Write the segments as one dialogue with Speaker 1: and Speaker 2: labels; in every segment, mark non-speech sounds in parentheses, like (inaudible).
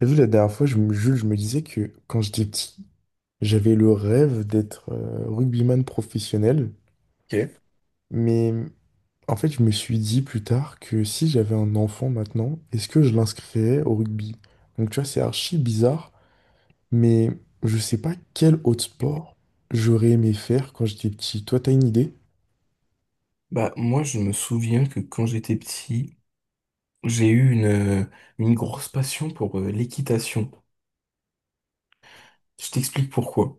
Speaker 1: T'as vu, la dernière fois, Jules, je me disais que quand j'étais petit, j'avais le rêve d'être rugbyman professionnel.
Speaker 2: Ok.
Speaker 1: Mais en fait, je me suis dit plus tard que si j'avais un enfant maintenant, est-ce que je l'inscrirais au rugby? Donc tu vois, c'est archi bizarre, mais je sais pas quel autre sport j'aurais aimé faire quand j'étais petit. Toi, t'as une idée?
Speaker 2: Bah, moi, je me souviens que quand j'étais petit, j'ai eu une grosse passion pour l'équitation. Je t'explique pourquoi.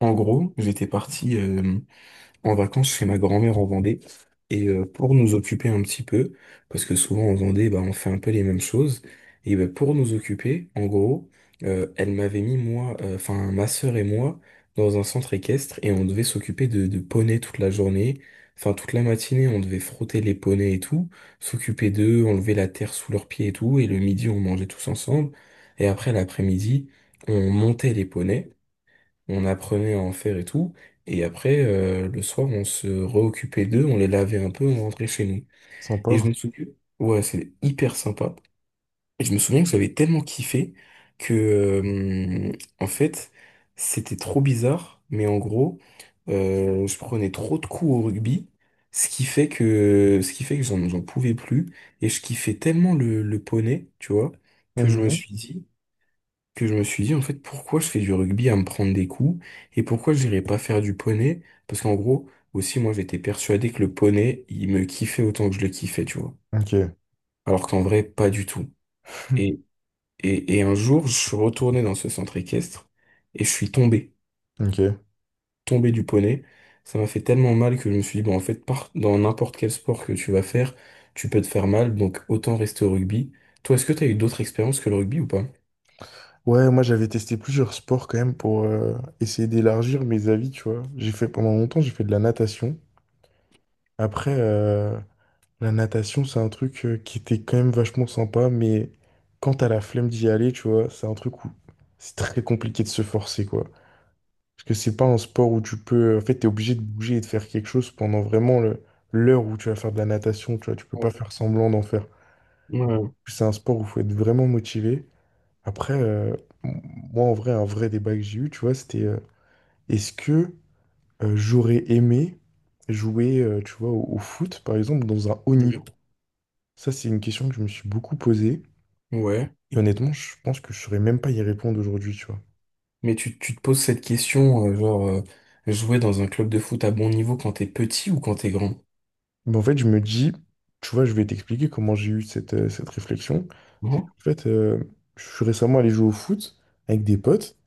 Speaker 2: En gros, j'étais parti en vacances chez ma grand-mère en Vendée. Et pour nous occuper un petit peu, parce que souvent en Vendée, bah, on fait un peu les mêmes choses, et bah, pour nous occuper, en gros, elle m'avait mis enfin ma sœur et moi, dans un centre équestre, et on devait s'occuper de poneys toute la journée. Enfin, toute la matinée, on devait frotter les poneys et tout, s'occuper d'eux, enlever la terre sous leurs pieds et tout, et le midi, on mangeait tous ensemble. Et après, l'après-midi, on montait les poneys, on apprenait à en faire et tout. Et après, le soir, on se réoccupait d'eux, on les lavait un peu, on rentrait chez nous. Et je me
Speaker 1: Sympa.
Speaker 2: souviens, ouais, c'est hyper sympa. Et je me souviens que j'avais tellement kiffé que, en fait, c'était trop bizarre, mais en gros, je prenais trop de coups au rugby, ce qui fait que j'en pouvais plus. Et je kiffais tellement le poney, tu vois, que je me
Speaker 1: Mhm.
Speaker 2: suis dit, que je me suis dit en fait pourquoi je fais du rugby à me prendre des coups, et pourquoi j'irais pas faire du poney, parce qu'en gros aussi moi j'étais persuadé que le poney il me kiffait autant que je le kiffais, tu vois,
Speaker 1: Ok.
Speaker 2: alors qu'en vrai pas du tout. et
Speaker 1: (laughs)
Speaker 2: et, et un jour je suis retourné dans ce centre équestre et je suis tombé
Speaker 1: Ok.
Speaker 2: tombé du poney. Ça m'a fait tellement mal que je me suis dit bon, en fait, dans n'importe quel sport que tu vas faire tu peux te faire mal, donc autant rester au rugby. Toi, est-ce que t'as eu d'autres expériences que le rugby ou pas?
Speaker 1: Ouais, moi j'avais testé plusieurs sports quand même pour essayer d'élargir mes avis, tu vois. J'ai fait de la natation. Après, la natation, c'est un truc qui était quand même vachement sympa, mais quand t'as la flemme d'y aller, tu vois, c'est un truc où c'est très compliqué de se forcer, quoi. Parce que c'est pas un sport où tu peux. En fait, t'es obligé de bouger et de faire quelque chose pendant vraiment l'heure où tu vas faire de la natation, tu vois. Tu peux pas
Speaker 2: Oh.
Speaker 1: faire semblant d'en faire.
Speaker 2: Ouais.
Speaker 1: C'est un sport où il faut être vraiment motivé. Après, m- moi, en vrai, un vrai débat que j'ai eu, tu vois, c'était est-ce que j'aurais aimé jouer, tu vois, au foot, par exemple, dans un haut niveau? Ça, c'est une question que je me suis beaucoup posée.
Speaker 2: Ouais.
Speaker 1: Et honnêtement, je pense que je saurais même pas y répondre aujourd'hui, tu vois.
Speaker 2: Mais tu te poses cette question, genre, jouer dans un club de foot à bon niveau quand t'es petit ou quand t'es grand?
Speaker 1: Mais en fait, je me dis, tu vois, je vais t'expliquer comment j'ai eu cette, cette réflexion. C'est
Speaker 2: Mhm.
Speaker 1: qu'en fait, je suis récemment allé jouer au foot avec des potes.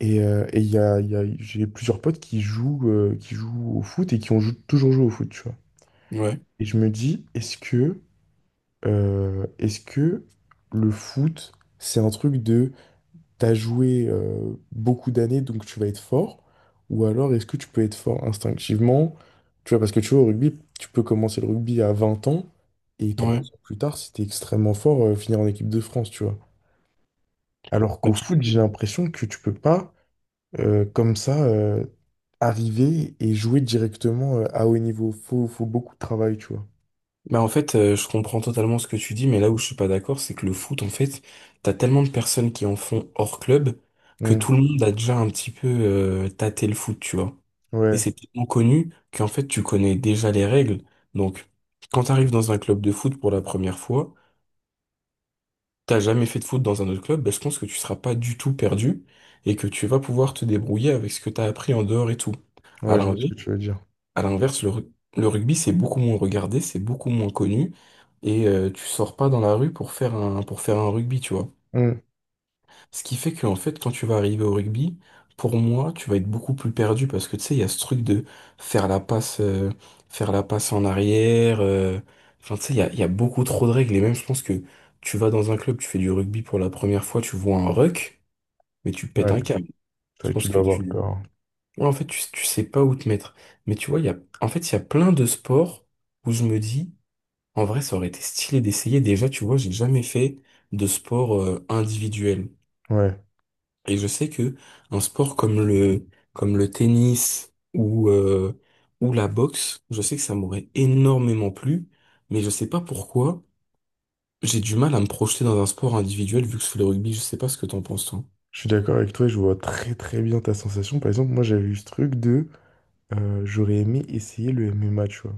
Speaker 1: Et, il y a, j'ai plusieurs potes qui jouent au foot et qui ont toujours joué au foot, tu vois.
Speaker 2: Ouais,
Speaker 1: Et je me dis, est-ce que le foot, c'est un truc de... t'as joué beaucoup d'années, donc tu vas être fort, ou alors est-ce que tu peux être fort instinctivement, tu vois, parce que tu vois, au rugby, tu peux commencer le rugby à 20 ans, et trois
Speaker 2: ouais.
Speaker 1: ans plus tard, si t'es extrêmement fort, finir en équipe de France, tu vois. Alors
Speaker 2: Bah,
Speaker 1: qu'au
Speaker 2: je-
Speaker 1: foot, j'ai l'impression que tu peux pas, comme ça, arriver et jouer directement à haut niveau. Faut beaucoup de travail, tu vois.
Speaker 2: Bah, en fait, je comprends totalement ce que tu dis, mais là où je suis pas d'accord, c'est que le foot, en fait, t'as tellement de personnes qui en font hors club que
Speaker 1: Mm.
Speaker 2: tout le monde a déjà un petit peu tâté le foot, tu vois. Et c'est
Speaker 1: Ouais,
Speaker 2: tellement connu qu'en fait, tu connais déjà les règles. Donc, quand t'arrives dans un club de foot pour la première fois, t'as jamais fait de foot dans un autre club, ben je pense que tu seras pas du tout perdu et que tu vas pouvoir te débrouiller avec ce que t'as appris en dehors et tout. À
Speaker 1: ouais, je vois ce
Speaker 2: l'inverse,
Speaker 1: que tu veux dire.
Speaker 2: à l'inverse, le rugby, c'est beaucoup moins regardé, c'est beaucoup moins connu, et tu sors pas dans la rue pour faire un rugby, tu vois.
Speaker 1: Mm.
Speaker 2: Ce qui fait qu'en fait, quand tu vas arriver au rugby, pour moi, tu vas être beaucoup plus perdu parce que tu sais, il y a ce truc de faire la passe, euh, faire la passe en arrière. Enfin, tu sais, il y a beaucoup trop de règles. Et même, je pense que tu vas dans un club, tu fais du rugby pour la première fois, tu vois un ruck, mais tu pètes
Speaker 1: Ouais,
Speaker 2: un câble.
Speaker 1: c'est
Speaker 2: Je
Speaker 1: vrai que tu
Speaker 2: pense que
Speaker 1: dois avoir le
Speaker 2: tu.
Speaker 1: corps.
Speaker 2: Ouais, en fait, tu sais pas où te mettre. Mais tu vois, en fait, il y a plein de sports où je me dis, en vrai, ça aurait été stylé d'essayer. Déjà, tu vois, j'ai jamais fait de sport, individuel.
Speaker 1: Ouais.
Speaker 2: Et je sais que un sport comme le tennis ou la boxe, je sais que ça m'aurait énormément plu, mais je sais pas pourquoi j'ai du mal à me projeter dans un sport individuel vu que je fais le rugby. Je sais pas ce que t'en penses, toi.
Speaker 1: Je suis d'accord avec toi, je vois très très bien ta sensation. Par exemple, moi j'avais eu ce truc de j'aurais aimé essayer le MMA, tu vois.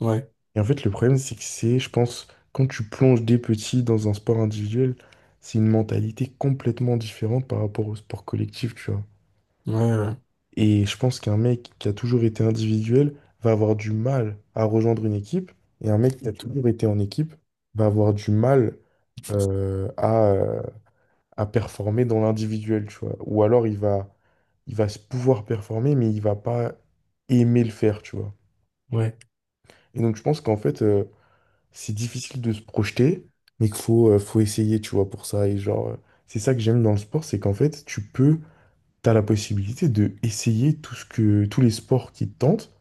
Speaker 2: Ouais,
Speaker 1: Et en fait, le problème, c'est que je pense, quand tu plonges des petits dans un sport individuel, c'est une mentalité complètement différente par rapport au sport collectif, tu vois.
Speaker 2: ouais, ouais,
Speaker 1: Et je pense qu'un mec qui a toujours été individuel va avoir du mal à rejoindre une équipe, et un mec qui a toujours été en équipe va avoir du mal euh, à, euh, à performer dans l'individuel, tu vois. Ou alors il va se pouvoir performer, mais il va pas aimer le faire, tu vois.
Speaker 2: ouais.
Speaker 1: Et donc je pense qu'en fait, c'est difficile de se projeter, mais qu'il faut, faut essayer, tu vois, pour ça. Et genre, c'est ça que j'aime dans le sport, c'est qu'en fait, t'as la possibilité de essayer tout ce que, tous les sports qui te tentent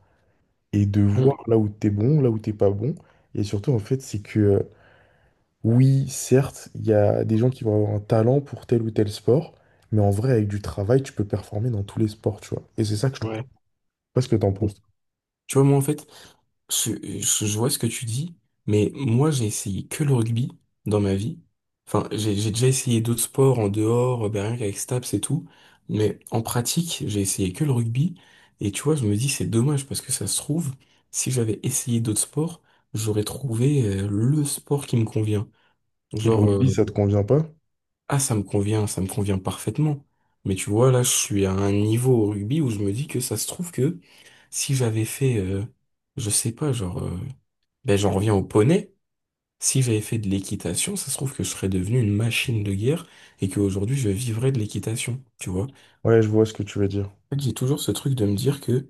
Speaker 1: et de voir
Speaker 2: Mm.
Speaker 1: là où t'es bon, là où t'es pas bon. Et surtout, en fait, c'est que oui, certes, il y a des gens qui vont avoir un talent pour tel ou tel sport, mais en vrai, avec du travail, tu peux performer dans tous les sports, tu vois. Et c'est ça que je trouve. Je
Speaker 2: Ouais.
Speaker 1: sais pas ce que t'en penses.
Speaker 2: Tu vois, moi, en fait. Je, je vois ce que tu dis, mais moi j'ai essayé que le rugby dans ma vie. Enfin, j'ai déjà essayé d'autres sports en dehors, ben rien qu'avec Staps et tout, mais en pratique, j'ai essayé que le rugby. Et tu vois, je me dis c'est dommage parce que ça se trouve, si j'avais essayé d'autres sports, j'aurais trouvé le sport qui me convient.
Speaker 1: Et le
Speaker 2: Genre,
Speaker 1: rugby, ça te convient pas?
Speaker 2: ah, ça me convient parfaitement. Mais tu vois, là, je suis à un niveau au rugby où je me dis que ça se trouve que si j'avais fait, je sais pas, genre. Ben, j'en reviens au poney. Si j'avais fait de l'équitation, ça se trouve que je serais devenu une machine de guerre et qu'aujourd'hui je vivrais de l'équitation, tu vois.
Speaker 1: Ouais, je vois ce que tu veux dire.
Speaker 2: En fait, j'ai toujours ce truc de me dire que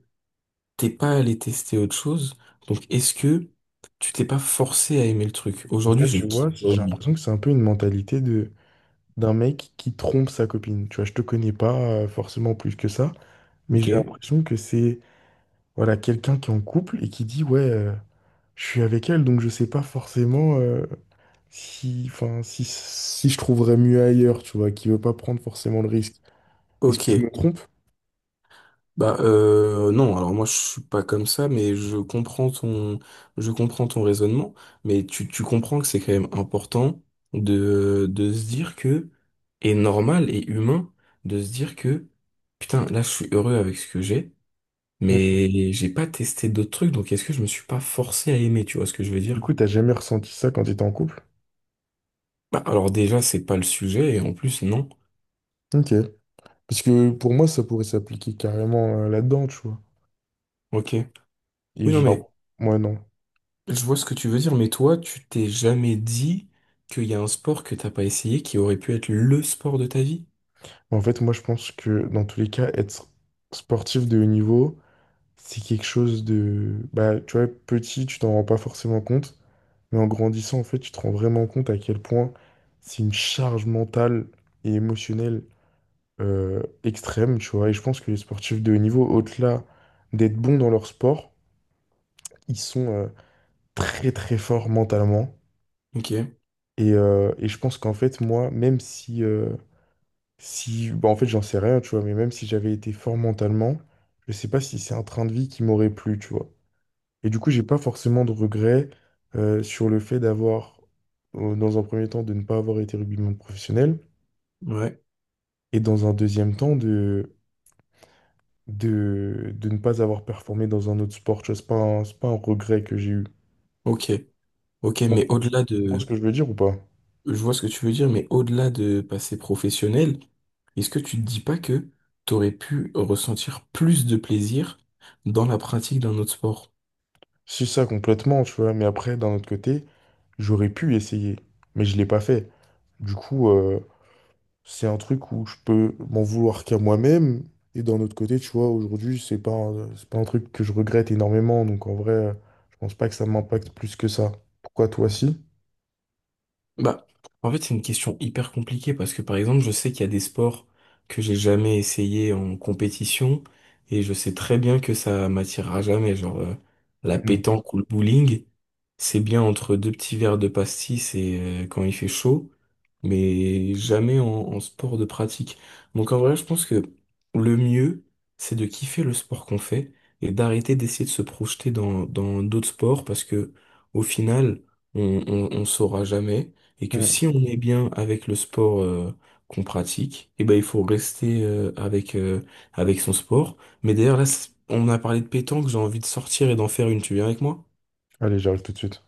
Speaker 2: t'es pas allé tester autre chose, donc est-ce que tu t'es pas forcé à aimer le truc?
Speaker 1: Et
Speaker 2: Aujourd'hui,
Speaker 1: ça,
Speaker 2: je
Speaker 1: tu vois,
Speaker 2: kiffe le
Speaker 1: j'ai
Speaker 2: rugby,
Speaker 1: l'impression que c'est un peu une mentalité de d'un mec qui trompe sa copine. Tu vois, je te connais pas forcément plus que ça, mais j'ai
Speaker 2: ok?
Speaker 1: l'impression que c'est voilà quelqu'un qui est en couple et qui dit ouais, je suis avec elle, donc je sais pas forcément. Si, enfin, si je trouverais mieux ailleurs, tu vois, qui veut pas prendre forcément le risque. Est-ce
Speaker 2: Ok.
Speaker 1: que je me trompe?
Speaker 2: Bah, non, alors moi je suis pas comme ça, mais je comprends ton raisonnement, mais tu comprends que c'est quand même important de se dire que, et normal et humain, de se dire que, putain, là je suis heureux avec ce que j'ai, mais j'ai pas testé d'autres trucs, donc est-ce que je me suis pas forcé à aimer, tu vois ce que je veux
Speaker 1: Du
Speaker 2: dire?
Speaker 1: coup, t'as jamais ressenti ça quand t'étais en couple?
Speaker 2: Bah alors déjà c'est pas le sujet, et en plus non.
Speaker 1: Ok. Parce que pour moi, ça pourrait s'appliquer carrément là-dedans, tu vois.
Speaker 2: Ok.
Speaker 1: Et
Speaker 2: Oui non mais.
Speaker 1: genre, moi, non.
Speaker 2: Je vois ce que tu veux dire, mais toi, tu t'es jamais dit qu'il y a un sport que t'as pas essayé qui aurait pu être le sport de ta vie?
Speaker 1: En fait, moi, je pense que dans tous les cas, être sportif de haut niveau, c'est quelque chose de... Bah, tu vois, petit, tu t'en rends pas forcément compte. Mais en grandissant, en fait, tu te rends vraiment compte à quel point c'est une charge mentale et émotionnelle extrême, tu vois. Et je pense que les sportifs de haut niveau, au-delà d'être bons dans leur sport, ils sont très très forts mentalement.
Speaker 2: Ok,
Speaker 1: Et je pense qu'en fait, moi, même si, si bah, en fait, j'en sais rien, tu vois, mais même si j'avais été fort mentalement, je sais pas si c'est un train de vie qui m'aurait plu, tu vois. Et du coup, j'ai pas forcément de regrets sur le fait d'avoir, dans un premier temps, de ne pas avoir été rugbyman professionnel,
Speaker 2: ouais,
Speaker 1: et dans un deuxième temps, de ne pas avoir performé dans un autre sport. Tu vois, c'est pas un regret que j'ai eu.
Speaker 2: ok, ok,
Speaker 1: Tu
Speaker 2: mais
Speaker 1: comprends tu
Speaker 2: au-delà
Speaker 1: comprends ce
Speaker 2: de,
Speaker 1: que je veux dire ou pas?
Speaker 2: je vois ce que tu veux dire, mais au-delà de passer professionnel, est-ce que tu te dis pas que t'aurais pu ressentir plus de plaisir dans la pratique d'un autre sport?
Speaker 1: Si ça complètement, tu vois, mais après, d'un autre côté, j'aurais pu essayer, mais je l'ai pas fait. Du coup, c'est un truc où je peux m'en vouloir qu'à moi-même. Et d'un autre côté, tu vois, aujourd'hui, c'est pas un truc que je regrette énormément. Donc en vrai, je pense pas que ça m'impacte plus que ça. Pourquoi toi, si?
Speaker 2: Bah, en fait, c'est une question hyper compliquée parce que par exemple, je sais qu'il y a des sports que j'ai jamais essayé en compétition et je sais très bien que ça m'attirera jamais. Genre, la
Speaker 1: Mm.
Speaker 2: pétanque ou le bowling, c'est bien entre deux petits verres de pastis et quand il fait chaud, mais jamais en, sport de pratique. Donc en vrai, je pense que le mieux, c'est de kiffer le sport qu'on fait et d'arrêter d'essayer de se projeter dans d'autres sports parce que au final, on saura jamais, et que
Speaker 1: Mm.
Speaker 2: si on est bien avec le sport qu'on pratique, et ben il faut rester avec son sport. Mais d'ailleurs là, on a parlé de pétanque, j'ai envie de sortir et d'en faire une. Tu viens avec moi?
Speaker 1: Allez, j'arrive tout de suite.